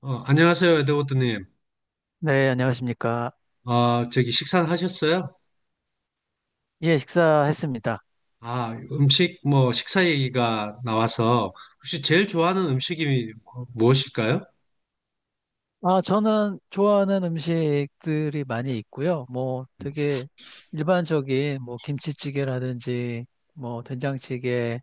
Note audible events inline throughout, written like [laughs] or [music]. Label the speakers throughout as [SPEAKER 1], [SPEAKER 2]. [SPEAKER 1] 안녕하세요, 에드워드님.
[SPEAKER 2] 네, 안녕하십니까.
[SPEAKER 1] 저기 식사는 하셨어요?
[SPEAKER 2] 예, 식사했습니다.
[SPEAKER 1] 아, 음식, 뭐, 식사 얘기가 나와서 혹시 제일 좋아하는 음식이 무엇일까요?
[SPEAKER 2] 아, 저는 좋아하는 음식들이 많이 있고요. 뭐 되게 일반적인 뭐 김치찌개라든지 뭐 된장찌개,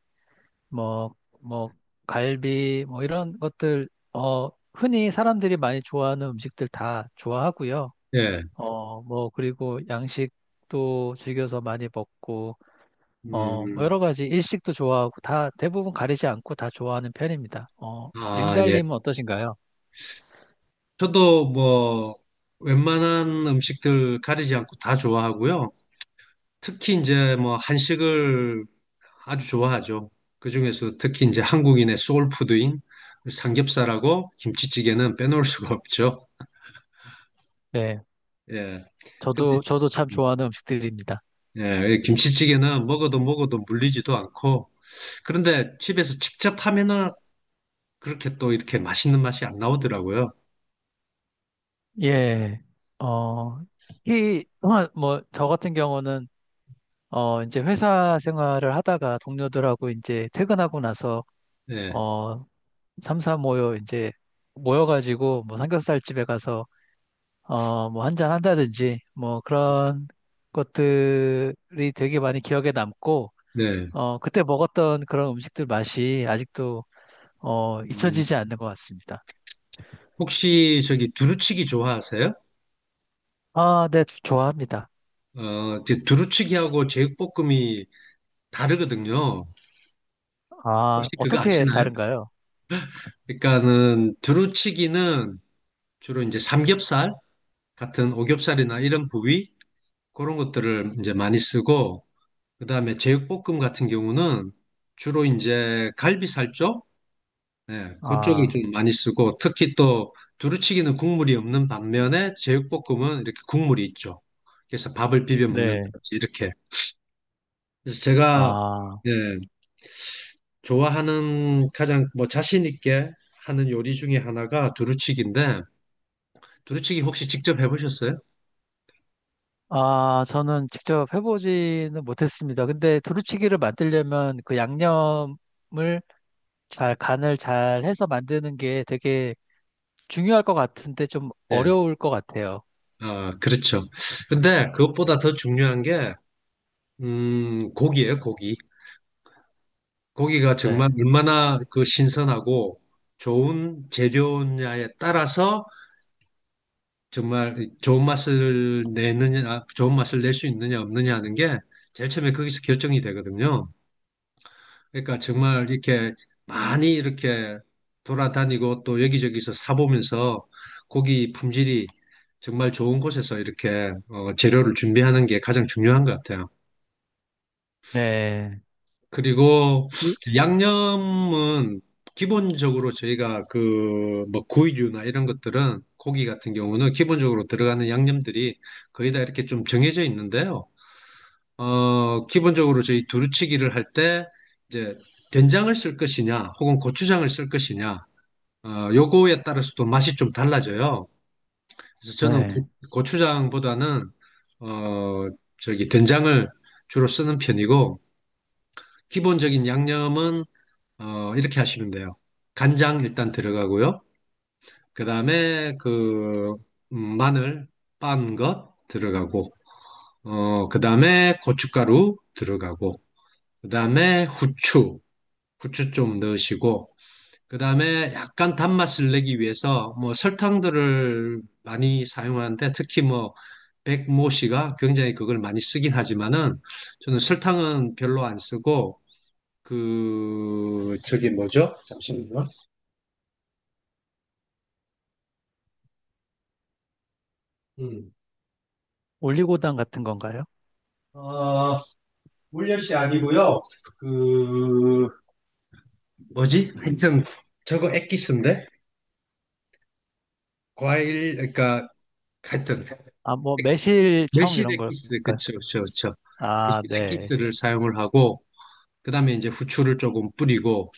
[SPEAKER 2] 뭐 갈비, 뭐 이런 것들, 흔히 사람들이 많이 좋아하는 음식들 다 좋아하고요.
[SPEAKER 1] 예.
[SPEAKER 2] 뭐 그리고 양식도 즐겨서 많이 먹고 뭐
[SPEAKER 1] 음,
[SPEAKER 2] 여러 가지 일식도 좋아하고 다 대부분 가리지 않고 다 좋아하는 편입니다. 어,
[SPEAKER 1] 아, 예.
[SPEAKER 2] 링달님은 어떠신가요?
[SPEAKER 1] 저도 뭐, 웬만한 음식들 가리지 않고 다 좋아하고요. 특히 이제 뭐, 한식을 아주 좋아하죠. 그중에서 특히 이제 한국인의 소울푸드인 삼겹살하고 김치찌개는 빼놓을 수가 없죠.
[SPEAKER 2] 네,
[SPEAKER 1] 예. 근데
[SPEAKER 2] 저도 참
[SPEAKER 1] 음,
[SPEAKER 2] 좋아하는 음식들입니다.
[SPEAKER 1] 예, 이 김치찌개는 먹어도 먹어도 물리지도 않고, 그런데 집에서 직접 하면은 그렇게 또 이렇게 맛있는 맛이 안 나오더라고요.
[SPEAKER 2] 예, 어, 저 같은 경우는 이제 회사 생활을 하다가 동료들하고 이제 퇴근하고 나서
[SPEAKER 1] 예,
[SPEAKER 2] 어, 삼사 모여 이제 모여가지고 뭐 삼겹살 집에 가서 뭐 한잔 한다든지 뭐 그런 것들이 되게 많이 기억에 남고
[SPEAKER 1] 네.
[SPEAKER 2] 그때 먹었던 그런 음식들 맛이 아직도
[SPEAKER 1] 음,
[SPEAKER 2] 잊혀지지 않는 것 같습니다.
[SPEAKER 1] 혹시 저기 두루치기 좋아하세요?
[SPEAKER 2] 아, 네, 좋아합니다.
[SPEAKER 1] 이제 두루치기하고 제육볶음이 다르거든요.
[SPEAKER 2] 아,
[SPEAKER 1] 혹시 그거
[SPEAKER 2] 어떻게
[SPEAKER 1] 아시나요?
[SPEAKER 2] 다른가요?
[SPEAKER 1] 그러니까는 두루치기는 주로 이제 삼겹살 같은 오겹살이나 이런 부위 그런 것들을 이제 많이 쓰고, 그다음에 제육볶음 같은 경우는 주로 이제 갈비살 쪽 네, 그쪽을
[SPEAKER 2] 아,
[SPEAKER 1] 좀 많이 쓰고 특히 또 두루치기는 국물이 없는 반면에 제육볶음은 이렇게 국물이 있죠. 그래서 밥을 비벼
[SPEAKER 2] 네.
[SPEAKER 1] 먹는다든지 이렇게. 그래서 제가
[SPEAKER 2] 아,
[SPEAKER 1] 예, 좋아하는 가장 뭐 자신 있게 하는 요리 중에 하나가 두루치기인데 두루치기 혹시 직접 해보셨어요?
[SPEAKER 2] 저는 직접 해보지는 못했습니다. 근데 두루치기를 만들려면 그 양념을 잘, 간을 잘 해서 만드는 게 되게 중요할 것 같은데 좀
[SPEAKER 1] 예,
[SPEAKER 2] 어려울 것 같아요.
[SPEAKER 1] 아, 그렇죠. 근데 그것보다 더 중요한 게 고기예요, 고기. 고기가
[SPEAKER 2] 네.
[SPEAKER 1] 정말 얼마나 그 신선하고 좋은 재료냐에 따라서 정말 좋은 맛을 내느냐, 좋은 맛을 낼 수 있느냐, 없느냐 하는 게 제일 처음에 거기서 결정이 되거든요. 그러니까 정말 이렇게 많이 이렇게 돌아다니고 또 여기저기서 사보면서 고기 품질이 정말 좋은 곳에서 이렇게 재료를 준비하는 게 가장 중요한 것 같아요.
[SPEAKER 2] 네.
[SPEAKER 1] 그리고 양념은 기본적으로 저희가 그 뭐 구이류나 이런 것들은 고기 같은 경우는 기본적으로 들어가는 양념들이 거의 다 이렇게 좀 정해져 있는데요. 기본적으로 저희 두루치기를 할 때 이제 된장을 쓸 것이냐 혹은 고추장을 쓸 것이냐 요거에 따라서 또 맛이 좀 달라져요. 그래서 저는
[SPEAKER 2] 네.
[SPEAKER 1] 고추장보다는 어, 저기 된장을 주로 쓰는 편이고 기본적인 양념은 이렇게 하시면 돼요. 간장 일단 들어가고요. 그 다음에 그 마늘 빤 것 들어가고, 그 다음에 고춧가루 들어가고, 그 다음에 후추, 후추 좀 넣으시고, 그 다음에 약간 단맛을 내기 위해서 뭐 설탕들을 많이 사용하는데 특히 뭐 백모씨가 굉장히 그걸 많이 쓰긴 하지만은 저는 설탕은 별로 안 쓰고 그 저기 뭐죠? 잠시만요. 음.
[SPEAKER 2] 올리고당 같은 건가요?
[SPEAKER 1] 어, 울려시 아니고요. 그 뭐지? 하여튼 저거 엑기스인데 과일 그러니까 하여튼
[SPEAKER 2] 아, 뭐, 매실청
[SPEAKER 1] 매실
[SPEAKER 2] 이런
[SPEAKER 1] 엑기스
[SPEAKER 2] 걸까요?
[SPEAKER 1] 그쵸, 그쵸, 그쵸. 매실
[SPEAKER 2] 아, 네.
[SPEAKER 1] 엑기스를 사용을 하고 그다음에 이제 후추를 조금 뿌리고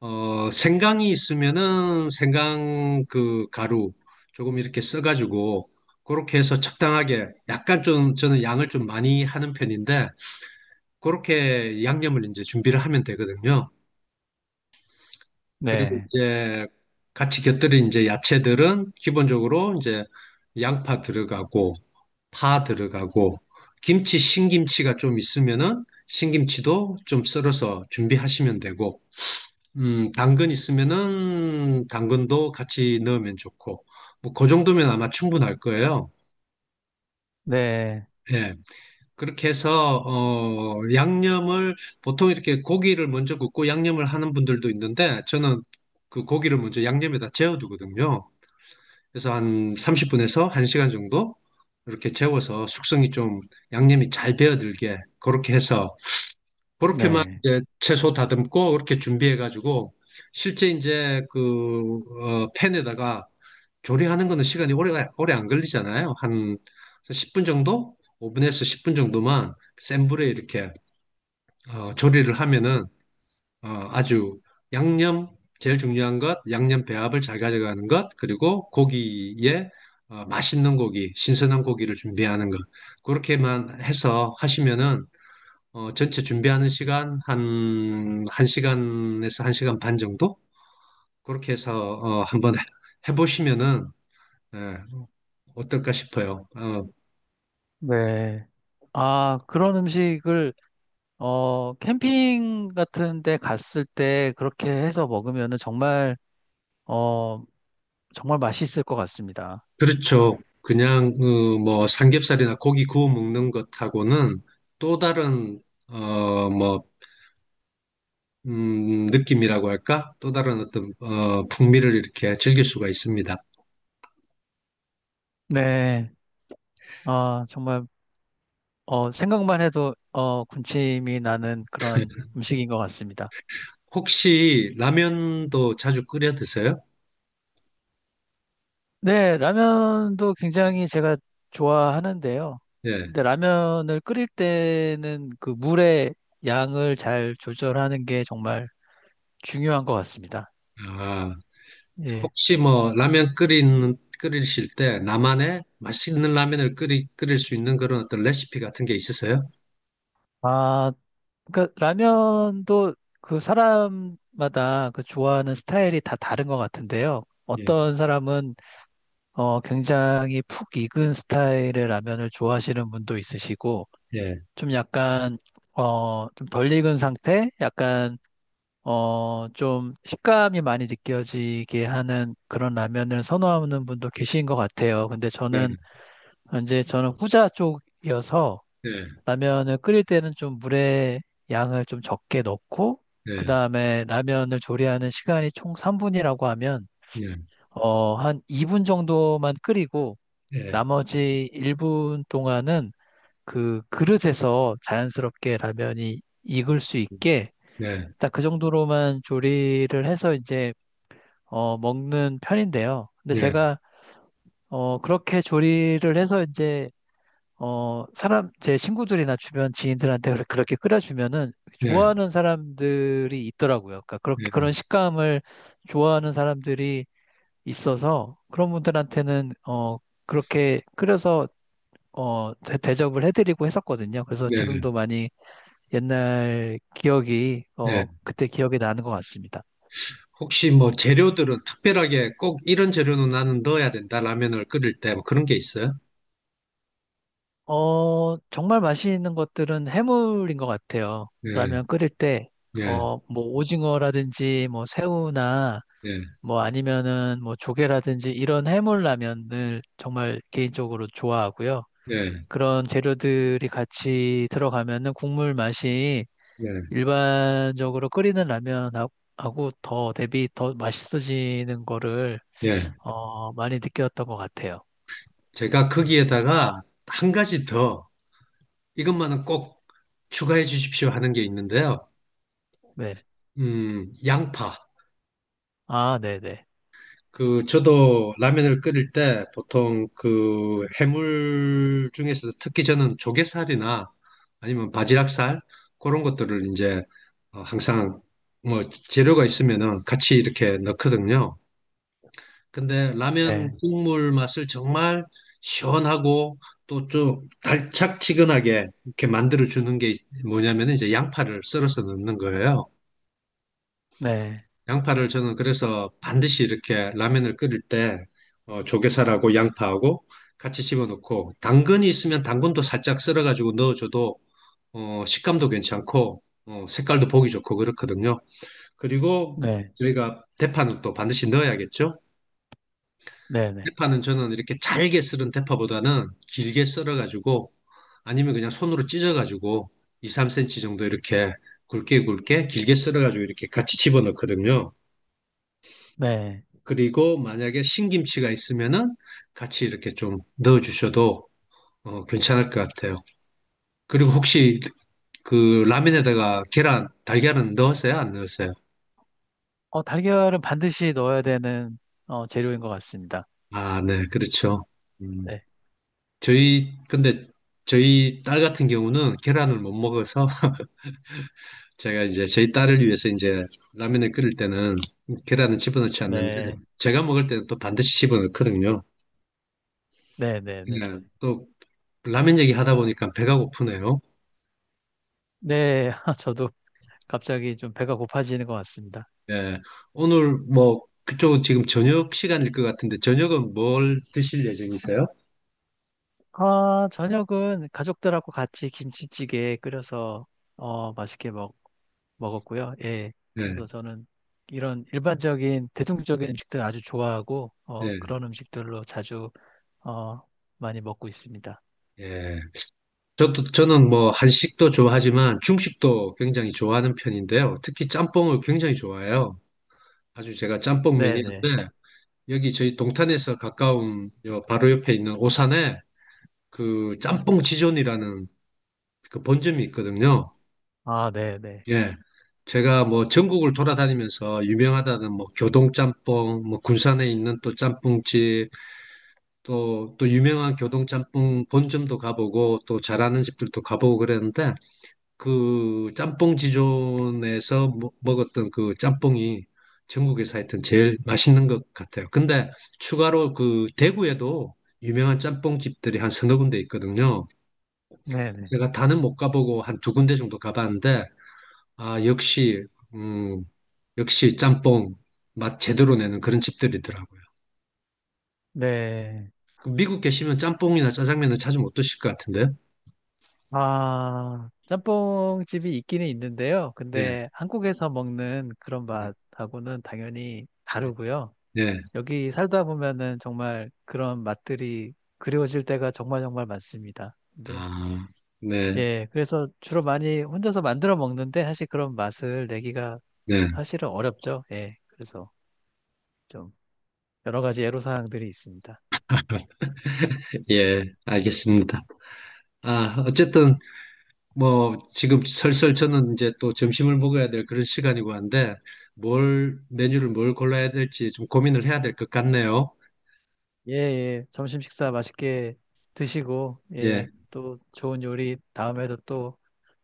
[SPEAKER 1] 생강이 있으면은 생강 그 가루 조금 이렇게 써가지고 그렇게 해서 적당하게 약간 좀 저는 양을 좀 많이 하는 편인데 그렇게 양념을 이제 준비를 하면 되거든요. 그리고
[SPEAKER 2] 네.
[SPEAKER 1] 이제 같이 곁들인 이제 야채들은 기본적으로 이제 양파 들어가고 파 들어가고 김치 신김치가 좀 있으면은 신김치도 좀 썰어서 준비하시면 되고 당근 있으면은 당근도 같이 넣으면 좋고 뭐 그 정도면 아마 충분할 거예요.
[SPEAKER 2] 네.
[SPEAKER 1] 예. 그렇게 해서 양념을 보통 이렇게 고기를 먼저 굽고 양념을 하는 분들도 있는데 저는 그 고기를 먼저 양념에다 재워두거든요. 그래서 한 30분에서 1시간 정도 이렇게 재워서 숙성이 좀 양념이 잘 배어들게 그렇게 해서 그렇게만
[SPEAKER 2] 네.
[SPEAKER 1] 이제 채소 다듬고 그렇게 준비해 가지고 실제 이제 그 팬에다가 조리하는 거는 시간이 오래 오래 안 걸리잖아요. 한 10분 정도? 5분에서 10분 정도만 센 불에 이렇게 조리를 하면은 아주 양념 제일 중요한 것 양념 배합을 잘 가져가는 것 그리고 고기에 맛있는 고기 신선한 고기를 준비하는 것 그렇게만 해서 하시면은 전체 준비하는 시간 한 1시간에서 1시간 반 정도 그렇게 해서 한번 해보시면은 예, 어떨까 싶어요.
[SPEAKER 2] 네. 아, 그런 음식을, 어, 캠핑 같은 데 갔을 때 그렇게 해서 먹으면은 정말, 어, 정말 맛있을 것 같습니다.
[SPEAKER 1] 그렇죠. 그냥 뭐 삼겹살이나 고기 구워 먹는 것하고는 또 다른 뭐 느낌이라고 할까? 또 다른 어떤 풍미를 이렇게 즐길 수가 있습니다.
[SPEAKER 2] 네. 아, 정말, 어, 생각만 해도, 어, 군침이 나는 그런 음식인 것 같습니다.
[SPEAKER 1] 혹시 라면도 자주 끓여 드세요?
[SPEAKER 2] 네, 라면도 굉장히 제가 좋아하는데요.
[SPEAKER 1] 예.
[SPEAKER 2] 근데 라면을 끓일 때는 그 물의 양을 잘 조절하는 게 정말 중요한 것 같습니다.
[SPEAKER 1] 아,
[SPEAKER 2] 예.
[SPEAKER 1] 혹시 뭐 라면 끓이는 끓이실 때 나만의 맛있는 라면을 끓이 끓일 수 있는 그런 어떤 레시피 같은 게 있으세요?
[SPEAKER 2] 아, 그러니까 라면도 그 사람마다 그 좋아하는 스타일이 다 다른 것 같은데요.
[SPEAKER 1] 예.
[SPEAKER 2] 어떤 사람은 굉장히 푹 익은 스타일의 라면을 좋아하시는 분도 있으시고,
[SPEAKER 1] 예.
[SPEAKER 2] 좀 약간 좀 덜 익은 상태? 약간 좀 식감이 많이 느껴지게 하는 그런 라면을 선호하는 분도 계신 것 같아요. 근데
[SPEAKER 1] 예.
[SPEAKER 2] 저는 이제 저는 후자 쪽이어서
[SPEAKER 1] 예.
[SPEAKER 2] 라면을 끓일 때는 좀 물의 양을 좀 적게 넣고 그
[SPEAKER 1] 예.
[SPEAKER 2] 다음에 라면을 조리하는 시간이 총 3분이라고 하면
[SPEAKER 1] 예.
[SPEAKER 2] 한 2분 정도만 끓이고
[SPEAKER 1] 예.
[SPEAKER 2] 나머지 1분 동안은 그 그릇에서 자연스럽게 라면이 익을 수 있게
[SPEAKER 1] 네,
[SPEAKER 2] 딱 그 정도로만 조리를 해서 이제 먹는 편인데요. 근데
[SPEAKER 1] 예,
[SPEAKER 2] 제가 그렇게 조리를 해서 이제 사람 제 친구들이나 주변 지인들한테 그렇게 끓여주면은
[SPEAKER 1] 예,
[SPEAKER 2] 좋아하는 사람들이 있더라고요. 그러니까
[SPEAKER 1] 예,
[SPEAKER 2] 그렇게 그런 식감을 좋아하는 사람들이 있어서 그런 분들한테는 어, 그렇게 끓여서 대접을 해드리고 했었거든요. 그래서
[SPEAKER 1] 예,
[SPEAKER 2] 지금도 많이 옛날 기억이
[SPEAKER 1] 예.
[SPEAKER 2] 어, 그때 기억이 나는 것 같습니다.
[SPEAKER 1] 혹시 뭐 재료들은 특별하게 꼭 이런 재료는 나는 넣어야 된다, 라면을 끓일 때뭐 그런 게 있어요?
[SPEAKER 2] 어, 정말 맛있는 것들은 해물인 것 같아요.
[SPEAKER 1] 예,
[SPEAKER 2] 라면 끓일 때,
[SPEAKER 1] 예,
[SPEAKER 2] 어, 뭐, 오징어라든지, 뭐, 새우나,
[SPEAKER 1] 예,
[SPEAKER 2] 뭐, 아니면은, 뭐, 조개라든지, 이런 해물 라면을 정말 개인적으로 좋아하고요.
[SPEAKER 1] 예,
[SPEAKER 2] 그런 재료들이 같이 들어가면은 국물 맛이
[SPEAKER 1] 예,
[SPEAKER 2] 일반적으로 끓이는 라면하고 더 대비 더 맛있어지는 거를,
[SPEAKER 1] 예.
[SPEAKER 2] 많이 느꼈던 것 같아요.
[SPEAKER 1] 제가 거기에다가 한 가지 더, 이것만은 꼭 추가해 주십시오 하는 게 있는데요.
[SPEAKER 2] 네.
[SPEAKER 1] 양파.
[SPEAKER 2] 아, 네네.
[SPEAKER 1] 저도 라면을 끓일 때 보통 그 해물 중에서도 특히 저는 조개살이나 아니면 바지락살, 그런 것들을 이제 항상 뭐 재료가 있으면은 같이 이렇게 넣거든요. 근데 라면
[SPEAKER 2] 네.
[SPEAKER 1] 국물 맛을 정말 시원하고 또 좀 달짝지근하게 이렇게 만들어 주는 게 뭐냐면 이제 양파를 썰어서 넣는 거예요.
[SPEAKER 2] 네.
[SPEAKER 1] 양파를 저는 그래서 반드시 이렇게 라면을 끓일 때 조개살하고 양파하고 같이 집어넣고 당근이 있으면 당근도 살짝 썰어가지고 넣어줘도 식감도 괜찮고 색깔도 보기 좋고 그렇거든요. 그리고
[SPEAKER 2] 네.
[SPEAKER 1] 저희가 대파는 또 반드시 넣어야겠죠.
[SPEAKER 2] 네네.
[SPEAKER 1] 대파는 저는 이렇게 잘게 썰은 대파보다는 길게 썰어가지고 아니면 그냥 손으로 찢어가지고 2, 3cm 정도 이렇게 굵게 굵게 길게 썰어가지고 이렇게 같이 집어넣거든요.
[SPEAKER 2] 네.
[SPEAKER 1] 그리고 만약에 신김치가 있으면은 같이 이렇게 좀 넣어주셔도 괜찮을 것 같아요. 그리고 혹시 그 라면에다가 계란, 달걀은 넣었어요? 안 넣었어요?
[SPEAKER 2] 어, 달걀은 반드시 넣어야 되는 어, 재료인 것 같습니다.
[SPEAKER 1] 아, 네, 그렇죠. 음,
[SPEAKER 2] 네.
[SPEAKER 1] 저희, 근데 저희 딸 같은 경우는 계란을 못 먹어서 제가 이제 저희 딸을 위해서 이제 라면을 끓일 때는 계란은 집어넣지 않는데
[SPEAKER 2] 네.
[SPEAKER 1] 제가 먹을 때는 또 반드시 집어넣거든요.
[SPEAKER 2] 네, 네, 네.
[SPEAKER 1] 예, 또 라면 얘기하다 보니까 배가 고프네요.
[SPEAKER 2] 네, [laughs] 저도 갑자기 좀 배가 고파지는 것 같습니다.
[SPEAKER 1] 예, 오늘 뭐 그쪽은 지금 저녁 시간일 것 같은데 저녁은 뭘 드실 예정이세요?
[SPEAKER 2] 아, 저녁은 가족들하고 같이 김치찌개 끓여서 어, 맛있게 먹었고요. 예.
[SPEAKER 1] 예,
[SPEAKER 2] 그래서 저는 이런 일반적인 대중적인 음식들 아주 좋아하고
[SPEAKER 1] 예,
[SPEAKER 2] 그런 음식들로 자주 어, 많이 먹고 있습니다.
[SPEAKER 1] 예. 저도 저는 뭐 한식도 좋아하지만 중식도 굉장히 좋아하는 편인데요. 특히 짬뽕을 굉장히 좋아해요. 아주 제가 짬뽕
[SPEAKER 2] 네, 네.
[SPEAKER 1] 매니아인데 여기 저희 동탄에서 가까운 요 바로 옆에 있는 오산에 그 짬뽕 지존이라는 그 본점이 있거든요.
[SPEAKER 2] 아, 네, 네.
[SPEAKER 1] 예. 제가 뭐 전국을 돌아다니면서 유명하다는 뭐 교동짬뽕, 뭐 군산에 있는 또 짬뽕집, 또 유명한 교동짬뽕 본점도 가보고 또 잘하는 집들도 가보고 그랬는데 그 짬뽕 지존에서 먹었던 그 짬뽕이 전국에서 하여튼 제일 맛있는 것 같아요. 근데 추가로 그 대구에도 유명한 짬뽕 집들이 한 서너 군데 있거든요.
[SPEAKER 2] 네, 네.
[SPEAKER 1] 제가 다는 못 가보고 한 두 군데 정도 가봤는데, 아, 역시, 음, 역시 짬뽕 맛 제대로 내는 그런 집들이더라고요.
[SPEAKER 2] 네.
[SPEAKER 1] 그 미국 계시면 짬뽕이나 짜장면은 자주 못 드실 것 같은데?
[SPEAKER 2] 아, 짬뽕집이 있기는 있는데요.
[SPEAKER 1] 네,
[SPEAKER 2] 근데 한국에서 먹는 그런
[SPEAKER 1] 네,
[SPEAKER 2] 맛하고는 당연히
[SPEAKER 1] 네.
[SPEAKER 2] 다르고요.
[SPEAKER 1] 네.
[SPEAKER 2] 여기 살다 보면은 정말 그런 맛들이 그리워질 때가 정말 정말 많습니다. 네.
[SPEAKER 1] 아, 네,
[SPEAKER 2] 예, 그래서 주로 많이 혼자서 만들어 먹는데 사실 그런 맛을 내기가
[SPEAKER 1] 네.
[SPEAKER 2] 사실은 어렵죠. 예, 그래서 좀 여러 가지 애로사항들이 있습니다.
[SPEAKER 1] 예, 알겠습니다. 아, 어쨌든 뭐 지금 설설 저는 이제 또 점심을 먹어야 될 그런 시간이고 한데 뭘 메뉴를 뭘 골라야 될지 좀 고민을 해야 될 것 같네요.
[SPEAKER 2] 예, 예, 점심 식사 맛있게 드시고,
[SPEAKER 1] 예,
[SPEAKER 2] 예, 또 좋은 요리 다음에도 또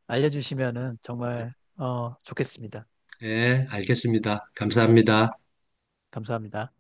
[SPEAKER 2] 알려주시면은 정말 어, 좋겠습니다.
[SPEAKER 1] 예, 알겠습니다. 감사합니다.
[SPEAKER 2] 감사합니다.